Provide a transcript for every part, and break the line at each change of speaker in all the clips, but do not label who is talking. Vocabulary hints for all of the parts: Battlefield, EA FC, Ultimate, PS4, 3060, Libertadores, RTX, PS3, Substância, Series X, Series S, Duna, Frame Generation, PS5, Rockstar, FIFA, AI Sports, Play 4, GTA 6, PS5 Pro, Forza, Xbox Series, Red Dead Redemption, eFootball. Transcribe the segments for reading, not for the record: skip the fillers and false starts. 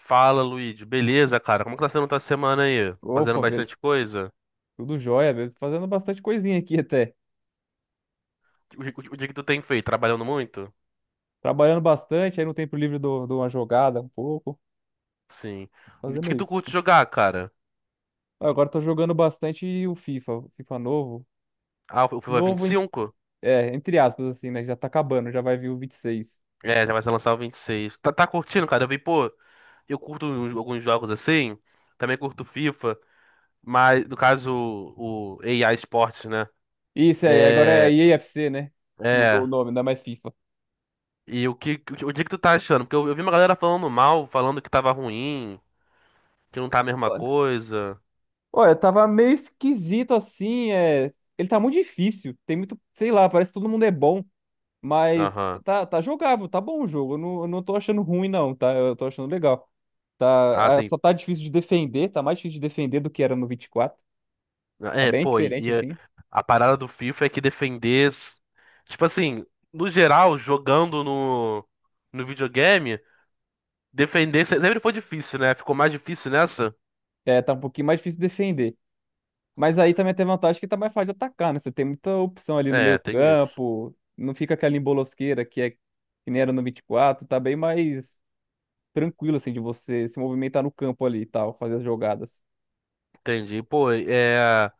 Fala, Luigi. Beleza, cara? Como que tá sendo tua semana aí? Fazendo
Opa, velho,
bastante coisa?
tudo jóia, velho. Fazendo bastante coisinha aqui até.
O dia que tu tem feito? Trabalhando muito?
Trabalhando bastante, aí no tempo livre dou uma jogada um pouco,
Sim. O dia
fazendo
que tu
isso.
curte jogar, cara?
Agora tô jogando bastante o FIFA novo.
Ah, o FIFA vinte e
Novo,
cinco.
é, entre aspas, assim, né? Já tá acabando, já vai vir o 26.
É, já vai ser lançar o 26. Tá, tá curtindo, cara? Eu vi, pô, eu alguns jogos assim. Também curto FIFA. Mas, no caso, o AI Sports, né?
Isso aí, agora é
É.
EA FC, né? Mudou o
É.
nome, não é mais FIFA.
E o que, o dia que tu tá achando? Porque eu vi uma galera falando mal, falando que tava ruim, que não tá a mesma
Olha,
coisa.
olha, tava meio esquisito assim, Ele tá muito difícil, tem muito, sei lá, parece que todo mundo é bom. Mas
Aham.
tá jogável, tá bom o jogo. Eu não tô achando ruim, não, tá? Eu tô achando legal.
Ah,
Tá,
sim.
só tá difícil de defender, tá mais difícil de defender do que era no 24. Tá
É,
bem
pô,
diferente, assim.
a parada do FIFA é que defender. Tipo assim, no geral, jogando no videogame, defender se- sempre foi difícil, né? Ficou mais difícil nessa?
É, tá um pouquinho mais difícil de defender. Mas aí também tem vantagem que tá mais fácil de atacar, né? Você tem muita opção ali no
É,
meio
tem isso.
campo, não fica aquela embolosqueira que é que nem era no 24. Tá bem mais tranquilo, assim, de você se movimentar no campo ali e tal, fazer as jogadas.
Entendi. Pô, é.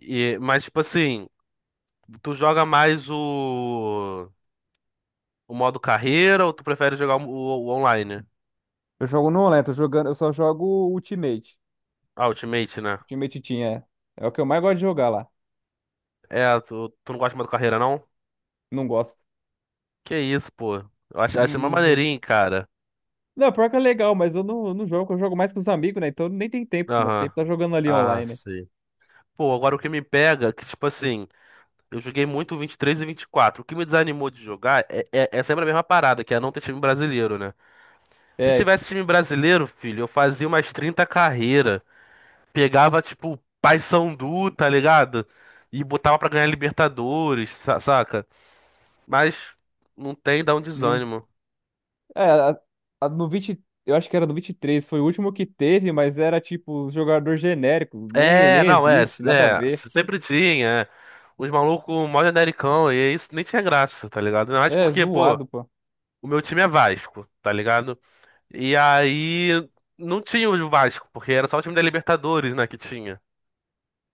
E, mas, tipo assim, tu joga mais o modo carreira ou tu prefere jogar o online?
Eu jogo no online, tô jogando, eu só jogo Ultimate.
Ah, Ultimate, né?
Time Titinha, é. É o que eu mais gosto de jogar lá.
É, tu não gosta do modo carreira, não?
Não gosto.
Que isso, pô. Eu
Não,
acho mó
não jogo.
maneirinho, cara.
Não, pior que é legal, mas eu não jogo, eu jogo mais com os amigos, né? Então nem tem tempo, nós
Aham.
sempre tá jogando ali
Ah,
online.
sim. Pô, agora o que me pega, é que tipo assim, eu joguei muito o 23 e 24. O que me desanimou de jogar é sempre a mesma parada, que é não ter time brasileiro, né? Se
É,
tivesse time brasileiro, filho, eu fazia umas 30 carreiras. Pegava, tipo, Paysandu, tá ligado? E botava pra ganhar Libertadores, saca? Mas não tem, dá um
não.
desânimo.
É, a no 20. Eu acho que era no 23, foi o último que teve, mas era tipo jogador genérico, nem,
É,
nem
não, é,
existe, nada a
é,
ver.
sempre tinha. É. Os malucos mó genericão, e isso nem tinha graça, tá ligado? Ainda mais
É,
porque, pô,
zoado, pô.
o meu time é Vasco, tá ligado? E aí não tinha o Vasco, porque era só o time da Libertadores, né, que tinha.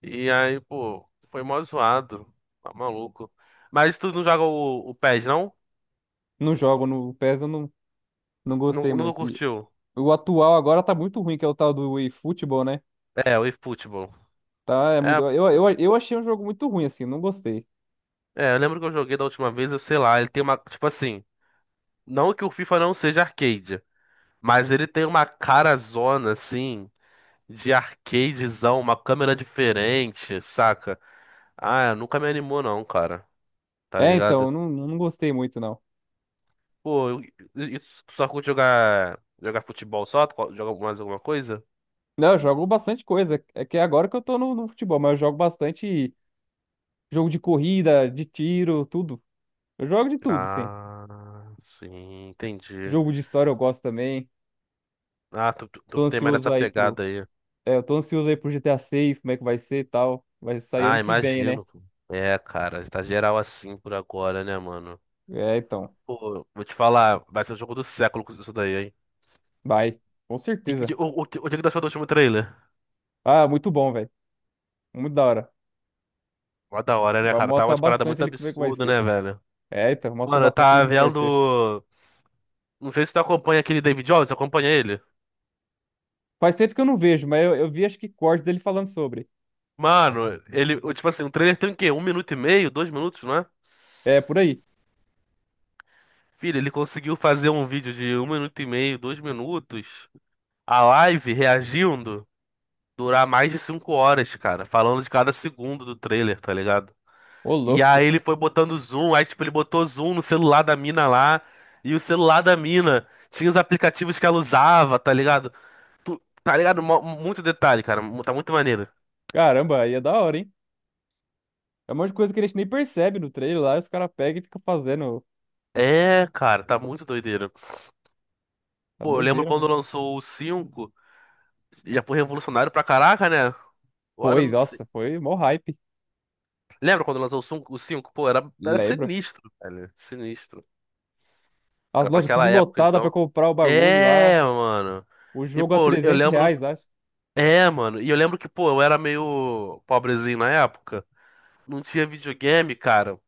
E aí, pô, foi mó zoado. Tá maluco. Mas tu não joga o PES, não?
Não jogo, no PES eu não gostei
Nunca
muito. E
curtiu?
o atual agora tá muito ruim, que é o tal do eFootball, né?
É, o eFootball.
Tá, é muito.
É,
Eu,
eu-
eu, eu achei um jogo muito ruim, assim, não gostei.
é, eu lembro que eu joguei da última vez, eu sei lá, ele tem uma, tipo assim, não que o FIFA não seja arcade, mas ele tem uma cara zona, assim, de arcadezão, uma câmera diferente, saca? Ah, nunca me animou não, cara, tá
É, então,
ligado?
eu não gostei muito, não.
Pô, e tu só curte jogar futebol só? Joga mais alguma coisa?
Não, eu jogo bastante coisa. É que é agora que eu tô no futebol, mas eu jogo bastante jogo de corrida, de tiro, tudo. Eu jogo de tudo, sim.
Ah, sim, entendi.
Jogo de história eu gosto também.
Ah, tu
Tô
tem mais
ansioso
essa
aí pro.
pegada aí.
É, eu tô ansioso aí pro GTA 6, como é que vai ser e tal. Vai sair
Ah,
ano que vem, né?
imagino. Pô. É, cara, tá geral assim por agora, né, mano?
É, então.
Pô, vou te falar, vai ser o jogo do século com isso daí, hein?
Vai. Com
E,
certeza.
que- o, o, que- o que o que tu achou do último trailer?
Ah, muito bom, velho. Muito da hora.
Mó da hora, né,
Vai
cara? Tava
mostrar
uma parada
bastante
muito
ali como é que vai
absurda,
ser.
né, velho?
É, então, mostra
Mano, eu
bastante ali
tava
como é que vai ser.
vendo. Não sei se tu acompanha aquele David Jones, acompanha ele?
Faz tempo que eu não vejo, mas eu vi acho que corte dele falando sobre.
Mano, tipo assim, um trailer tem o quê? Um minuto e meio, dois minutos, não é?
É, por aí.
Filho, ele conseguiu fazer um vídeo de um minuto e meio, dois minutos, a live reagindo, durar mais de cinco horas, cara, falando de cada segundo do trailer, tá ligado?
Ô,
E
louco.
aí ele foi botando zoom, aí tipo, ele botou zoom no celular da mina lá, e o celular da mina tinha os aplicativos que ela usava, tá ligado? Tá ligado? Muito detalhe, cara, tá muito maneiro.
Caramba, aí é da hora, hein? É um monte de coisa que a gente nem percebe no trailer lá, e os caras pegam e ficam fazendo.
É, cara, tá muito doideira.
Tá
Pô, eu lembro
doideira,
quando
mano.
lançou o cinco. Já foi revolucionário pra caraca, né? Agora eu
Foi,
não sei.
nossa, foi mó hype.
Lembra quando lançou o 5? O cinco? Pô, era
Lembra?
sinistro, velho. Sinistro.
As
Era pra
lojas tudo
aquela época,
lotadas pra
então.
comprar o bagulho lá.
É, mano.
O
E,
jogo a
pô, eu
trezentos
lembro.
reais, acho.
É, mano. E eu lembro que, pô, eu era meio pobrezinho na época. Não tinha videogame, cara.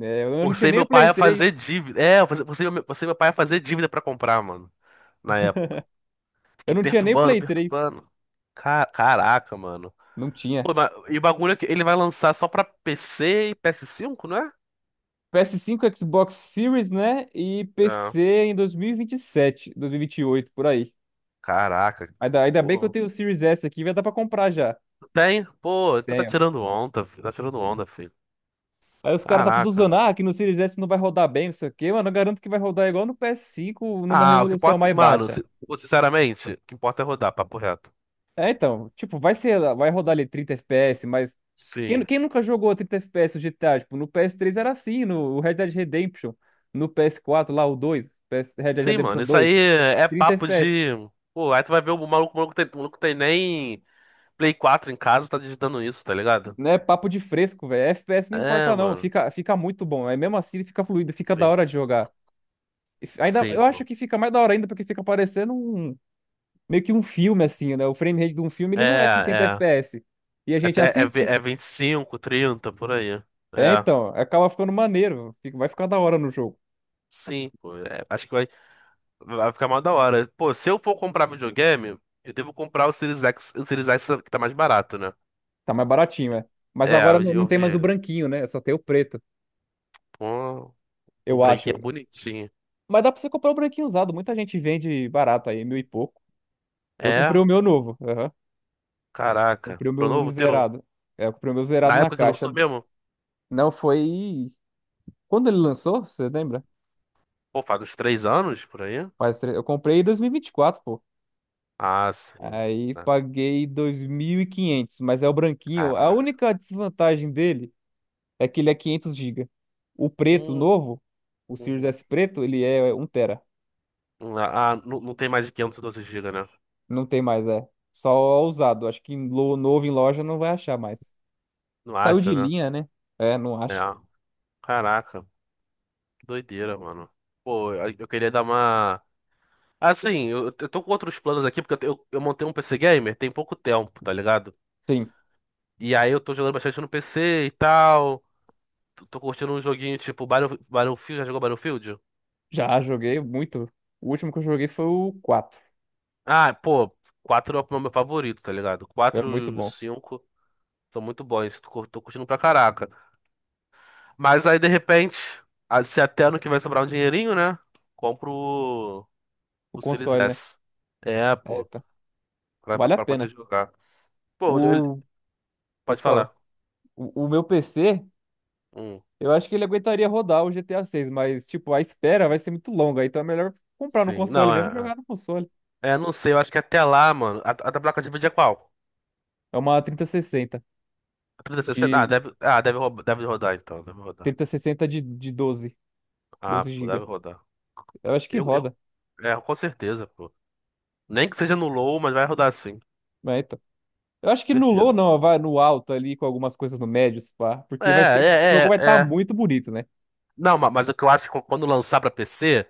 É, eu não tinha
Forcei
nem
meu
o Play
pai a fazer
três.
dívida. É, eu forcei meu pai a fazer dívida pra comprar, mano. Na época.
Eu
Fiquei
não tinha nem o Play 3.
perturbando. Caraca, mano.
Não tinha.
Pô, e o bagulho é que ele vai lançar só pra PC e PS5, não é?
PS5, Xbox Series, né? E
Ah,
PC em dois mil e vinte e sete, dois mil e vinte sete, e oito, por aí.
caraca.
Ainda bem que eu
Pô,
tenho o Series S aqui, vai dar pra comprar já.
tem? Pô, então tá
Tem.
tirando onda, filho. Tá tirando onda, filho.
Aí os caras tá tudo
Caraca.
usando, que no Series S não vai rodar bem, não sei o quê, mano. Eu garanto que vai rodar igual no PS5, numa
Ah, o que
resolução
importa.
mais
Mano,
baixa.
pô, sinceramente, o que importa é rodar, papo reto.
É, então, tipo, vai rodar ali 30 FPS, mas quem,
Sim.
quem nunca jogou 30 FPS o GTA? Tipo, no PS3 era assim, no Red Dead Redemption, no PS4 lá, o 2, PS, Red Dead
Sim, mano,
Redemption
isso aí
2,
é
30
papo
FPS.
de. Pô, aí tu vai ver o maluco, o maluco tem nem Play 4 em casa, tá digitando isso, tá ligado?
Não é papo de fresco, velho. FPS não
É,
importa não,
mano.
fica muito bom. Aí mesmo assim ele fica fluido, fica da
Sim.
hora de jogar. Ainda,
Sim,
eu acho
pô.
que fica mais da hora ainda porque fica parecendo um meio que um filme, assim, né? O frame rate de um filme,
É,
ele não é 60
é.
FPS. E a gente
Até é,
assiste.
é 25 30 por aí.
É,
É.
então, acaba ficando maneiro. Vai ficar da hora no jogo.
Sim, pô, é, acho que vai ficar mal da hora. Pô, se eu for comprar videogame, eu devo comprar o Series X que tá mais barato, né?
Tá mais baratinho, é. Mas
É,
agora não
eu
tem
vi
mais o
ele.
branquinho, né? Só tem o preto,
Pô, o
eu
branquinho
acho.
é bonitinho.
Mas dá pra você comprar o branquinho usado. Muita gente vende barato aí, mil e pouco. Eu comprei
É,
o meu novo. Aham.
caraca.
Comprei o
Comprou
meu
novo teu?
zerado. É, eu comprei o meu zerado
Na
na
época que
caixa.
lançou mesmo?
Não, foi. Quando ele lançou, você lembra?
Pô, faz uns três anos por aí?
Eu comprei em 2024.
Ah, sim.
Aí
Ah,
paguei 2.500, mas é o branquinho. A
caraca.
única desvantagem dele é que ele é 500 gigas. O preto
Hum,
novo, o Series
uhum.
S preto, ele é 1 tera.
Ah, não, não tem mais de 512 gigas, né?
Não tem mais, é. Só usado. Acho que novo em loja não vai achar mais.
Não
Saiu
acha,
de
né?
linha, né? É, não
É.
acho.
Caraca. Doideira, mano. Pô, eu queria dar uma. Assim, eu tô com outros planos aqui, porque eu, eu montei um PC Gamer tem pouco tempo, tá ligado?
Sim,
E aí eu tô jogando bastante no PC e tal. Tô curtindo um joguinho tipo Battlefield. Já jogou Battlefield?
já joguei muito. O último que eu joguei foi o quatro.
Ah, pô, 4 é o meu favorito, tá ligado?
É muito
Quatro e
bom.
5 são muito bons. Tô curtindo pra caraca. Mas aí, de repente, se até ano que vai sobrar um dinheirinho, né? Compro o,
O
o Series
console, né?
S. É,
É,
pô,
tá. Vale a
pra poder
pena.
jogar. Pô, eu,
O. Pode
pode
falar.
falar.
O meu PC.
Hum,
Eu acho que ele aguentaria rodar o GTA 6, mas, tipo, a espera vai ser muito longa, então é melhor comprar no
sim.
console
Não,
mesmo e
é.
jogar no console.
É, não sei, eu acho que até lá, mano. A da placa de vídeo é qual?
É uma 3060
A 3060? Ah,
de
deve, deve rodar então, deve rodar.
3060 de, de 12,
Ah,
12
pô,
GB.
deve rodar.
Eu acho que
Eu, eu,
roda,
é, com certeza, pô. Nem que seja no low, mas vai rodar sim, com
né, então. Eu acho que no low
certeza.
não, vai no alto ali com algumas coisas no médio, se pá, porque o jogo vai estar
É.
muito bonito, né?
Não, mas, o que eu acho que quando lançar pra PC,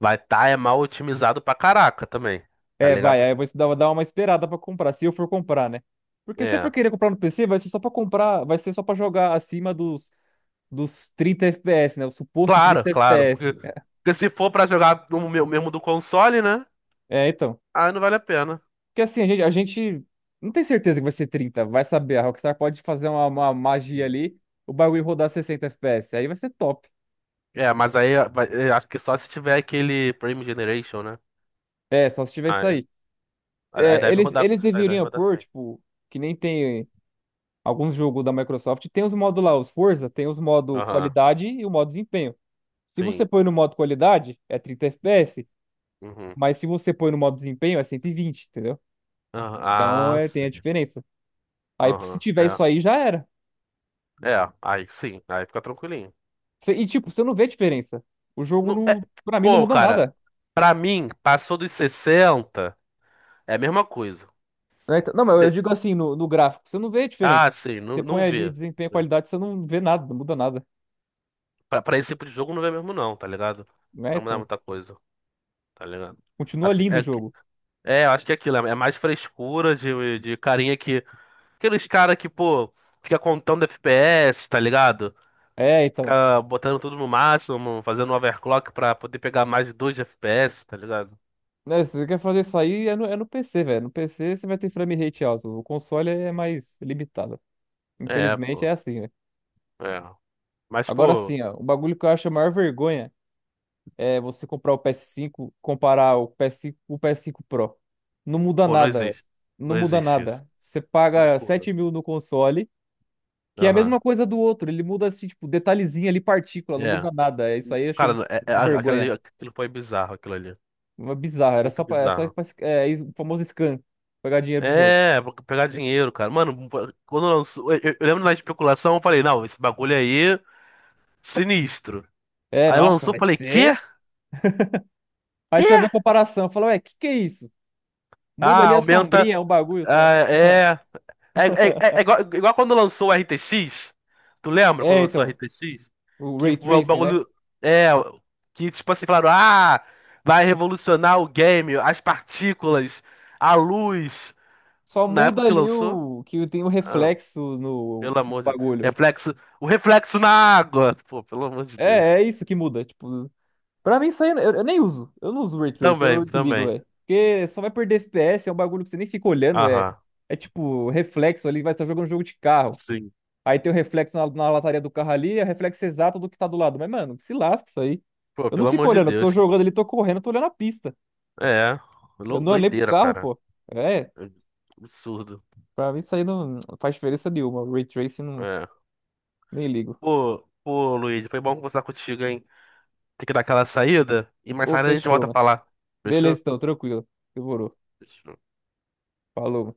vai estar é mal otimizado pra caraca também, tá
É, vai,
ligado?
aí eu vou dar uma esperada pra comprar, se eu for comprar, né? Porque se eu for
É.
querer comprar no PC, vai ser só pra jogar acima dos 30 FPS, né? O suposto
Claro,
30
claro,
FPS.
porque se for pra jogar no meu mesmo do console, né?
É, então.
Aí não vale a pena.
Porque assim, a gente não tem certeza que vai ser 30, vai saber. A Rockstar pode fazer uma magia ali, o bagulho rodar 60 FPS, aí vai ser top.
É, eu acho que só se tiver aquele Frame Generation, né?
É, só se tiver
Ah,
isso
é.
aí.
Aí
É,
deve
eles,
rodar,
eles
aí deve
deveriam
rodar
pôr,
sim.
tipo, que nem tem alguns jogos da Microsoft, tem os modos lá, os Forza, tem os modos
Aham,
qualidade e o modo desempenho. Se você
sim.
põe no modo qualidade, é 30 FPS,
Uhum.
mas se você põe no modo desempenho, é 120, entendeu?
Aham,
Então
ah,
é, tem a
sim.
diferença. Aí se
Aham,
tiver
é.
isso aí, já era.
É, aí sim, aí fica tranquilinho.
E, tipo, você não vê diferença. O jogo,
Não, é,
não, pra mim, não
pô,
muda
cara,
nada.
pra mim, passou dos 60, é a mesma coisa.
Né? Não, mas eu
Se-
digo assim, no gráfico, você não vê
ah,
diferença.
sim,
Você
não,
põe
não
ali
vê.
desempenho e qualidade, você não vê nada, não muda nada.
Pra, pra esse tipo de jogo não vê mesmo não, tá ligado? Não
Né?
vai mudar
Então,
muita coisa, tá ligado?
continua
Acho
lindo o
que-
jogo.
é, eu acho que é aquilo, é mais frescura de carinha que aqueles cara que, pô, fica contando FPS, tá ligado?
É, então.
Fica botando tudo no máximo, fazendo overclock pra poder pegar mais de 2 FPS, tá ligado?
Né, se você quer fazer isso aí, é no PC, velho. No PC você vai ter frame rate alto. O console é mais limitado.
É,
Infelizmente é
pô.
assim, né?
É. Mas,
Agora
pô,
sim, ó. O bagulho que eu acho a maior vergonha é, você comprar o PS5, comparar o PS5 com o PS5 Pro. Não muda
pô, não
nada, velho.
existe.
Não
Não
muda
existe isso.
nada. Você paga
Loucura.
7.000 no console, que é a
Aham.
mesma coisa do outro. Ele muda, assim, tipo, detalhezinho ali, partícula, não
É.
muda nada. É. Isso aí eu achei
Cara,
uma vergonha.
aquilo foi bizarro, aquilo ali.
Uma bizarra.
Muito
É só
bizarro.
pra, o famoso scam. Pegar dinheiro dos outros.
É, pra pegar dinheiro, cara. Mano, quando lançou. Eu lembro na especulação, eu falei, não, esse bagulho aí, sinistro.
É,
Aí
nossa,
lançou, eu
vai
falei, quê?
ser. Aí
Quê?
você vê a comparação. Fala, ué, que é isso? Muda
Ah,
ali a
aumenta.
sombrinha, é um bagulho só.
Ah, é. É igual, igual quando lançou o RTX. Tu lembra quando
É,
lançou o
então.
RTX?
O
Que
Ray
o
Tracing, né?
bagulho. É. Que tipo assim, falaram: Ah, vai revolucionar o game, as partículas, a luz.
Só
Na
muda
época que
ali
lançou.
o que tem o
Ah,
reflexo no
pelo amor de Deus.
bagulho.
Reflexo. O reflexo na água. Pô, pelo amor de
É,
Deus.
é isso que muda. Tipo, pra mim isso aí eu nem uso. Eu não uso Ray Trace,
Também,
eu desligo,
também.
velho. Porque só vai perder FPS, é um bagulho que você nem fica olhando, é.
Aham.
É tipo, reflexo ali, vai estar jogando um jogo de carro.
Sim.
Aí tem o reflexo na lataria do carro ali, é o reflexo exato do que tá do lado. Mas, mano, que se lasca isso aí.
Pô,
Eu não
pelo
fico
amor de
olhando, eu
Deus.
tô jogando ali, tô correndo, eu tô olhando a pista.
É.
Eu não olhei pro
Doideira,
carro,
cara.
pô. É,
É. Absurdo.
pra mim isso aí não faz diferença nenhuma. Ray Tracing, não,
É.
nem ligo.
Pô, pô, Luiz, foi bom conversar contigo, hein? Tem que dar aquela saída e mais
Ô,
tarde a gente
fechou,
volta a
mano.
falar. Fechou?
Beleza, então, tranquilo. Demorou.
Fechou.
Falou.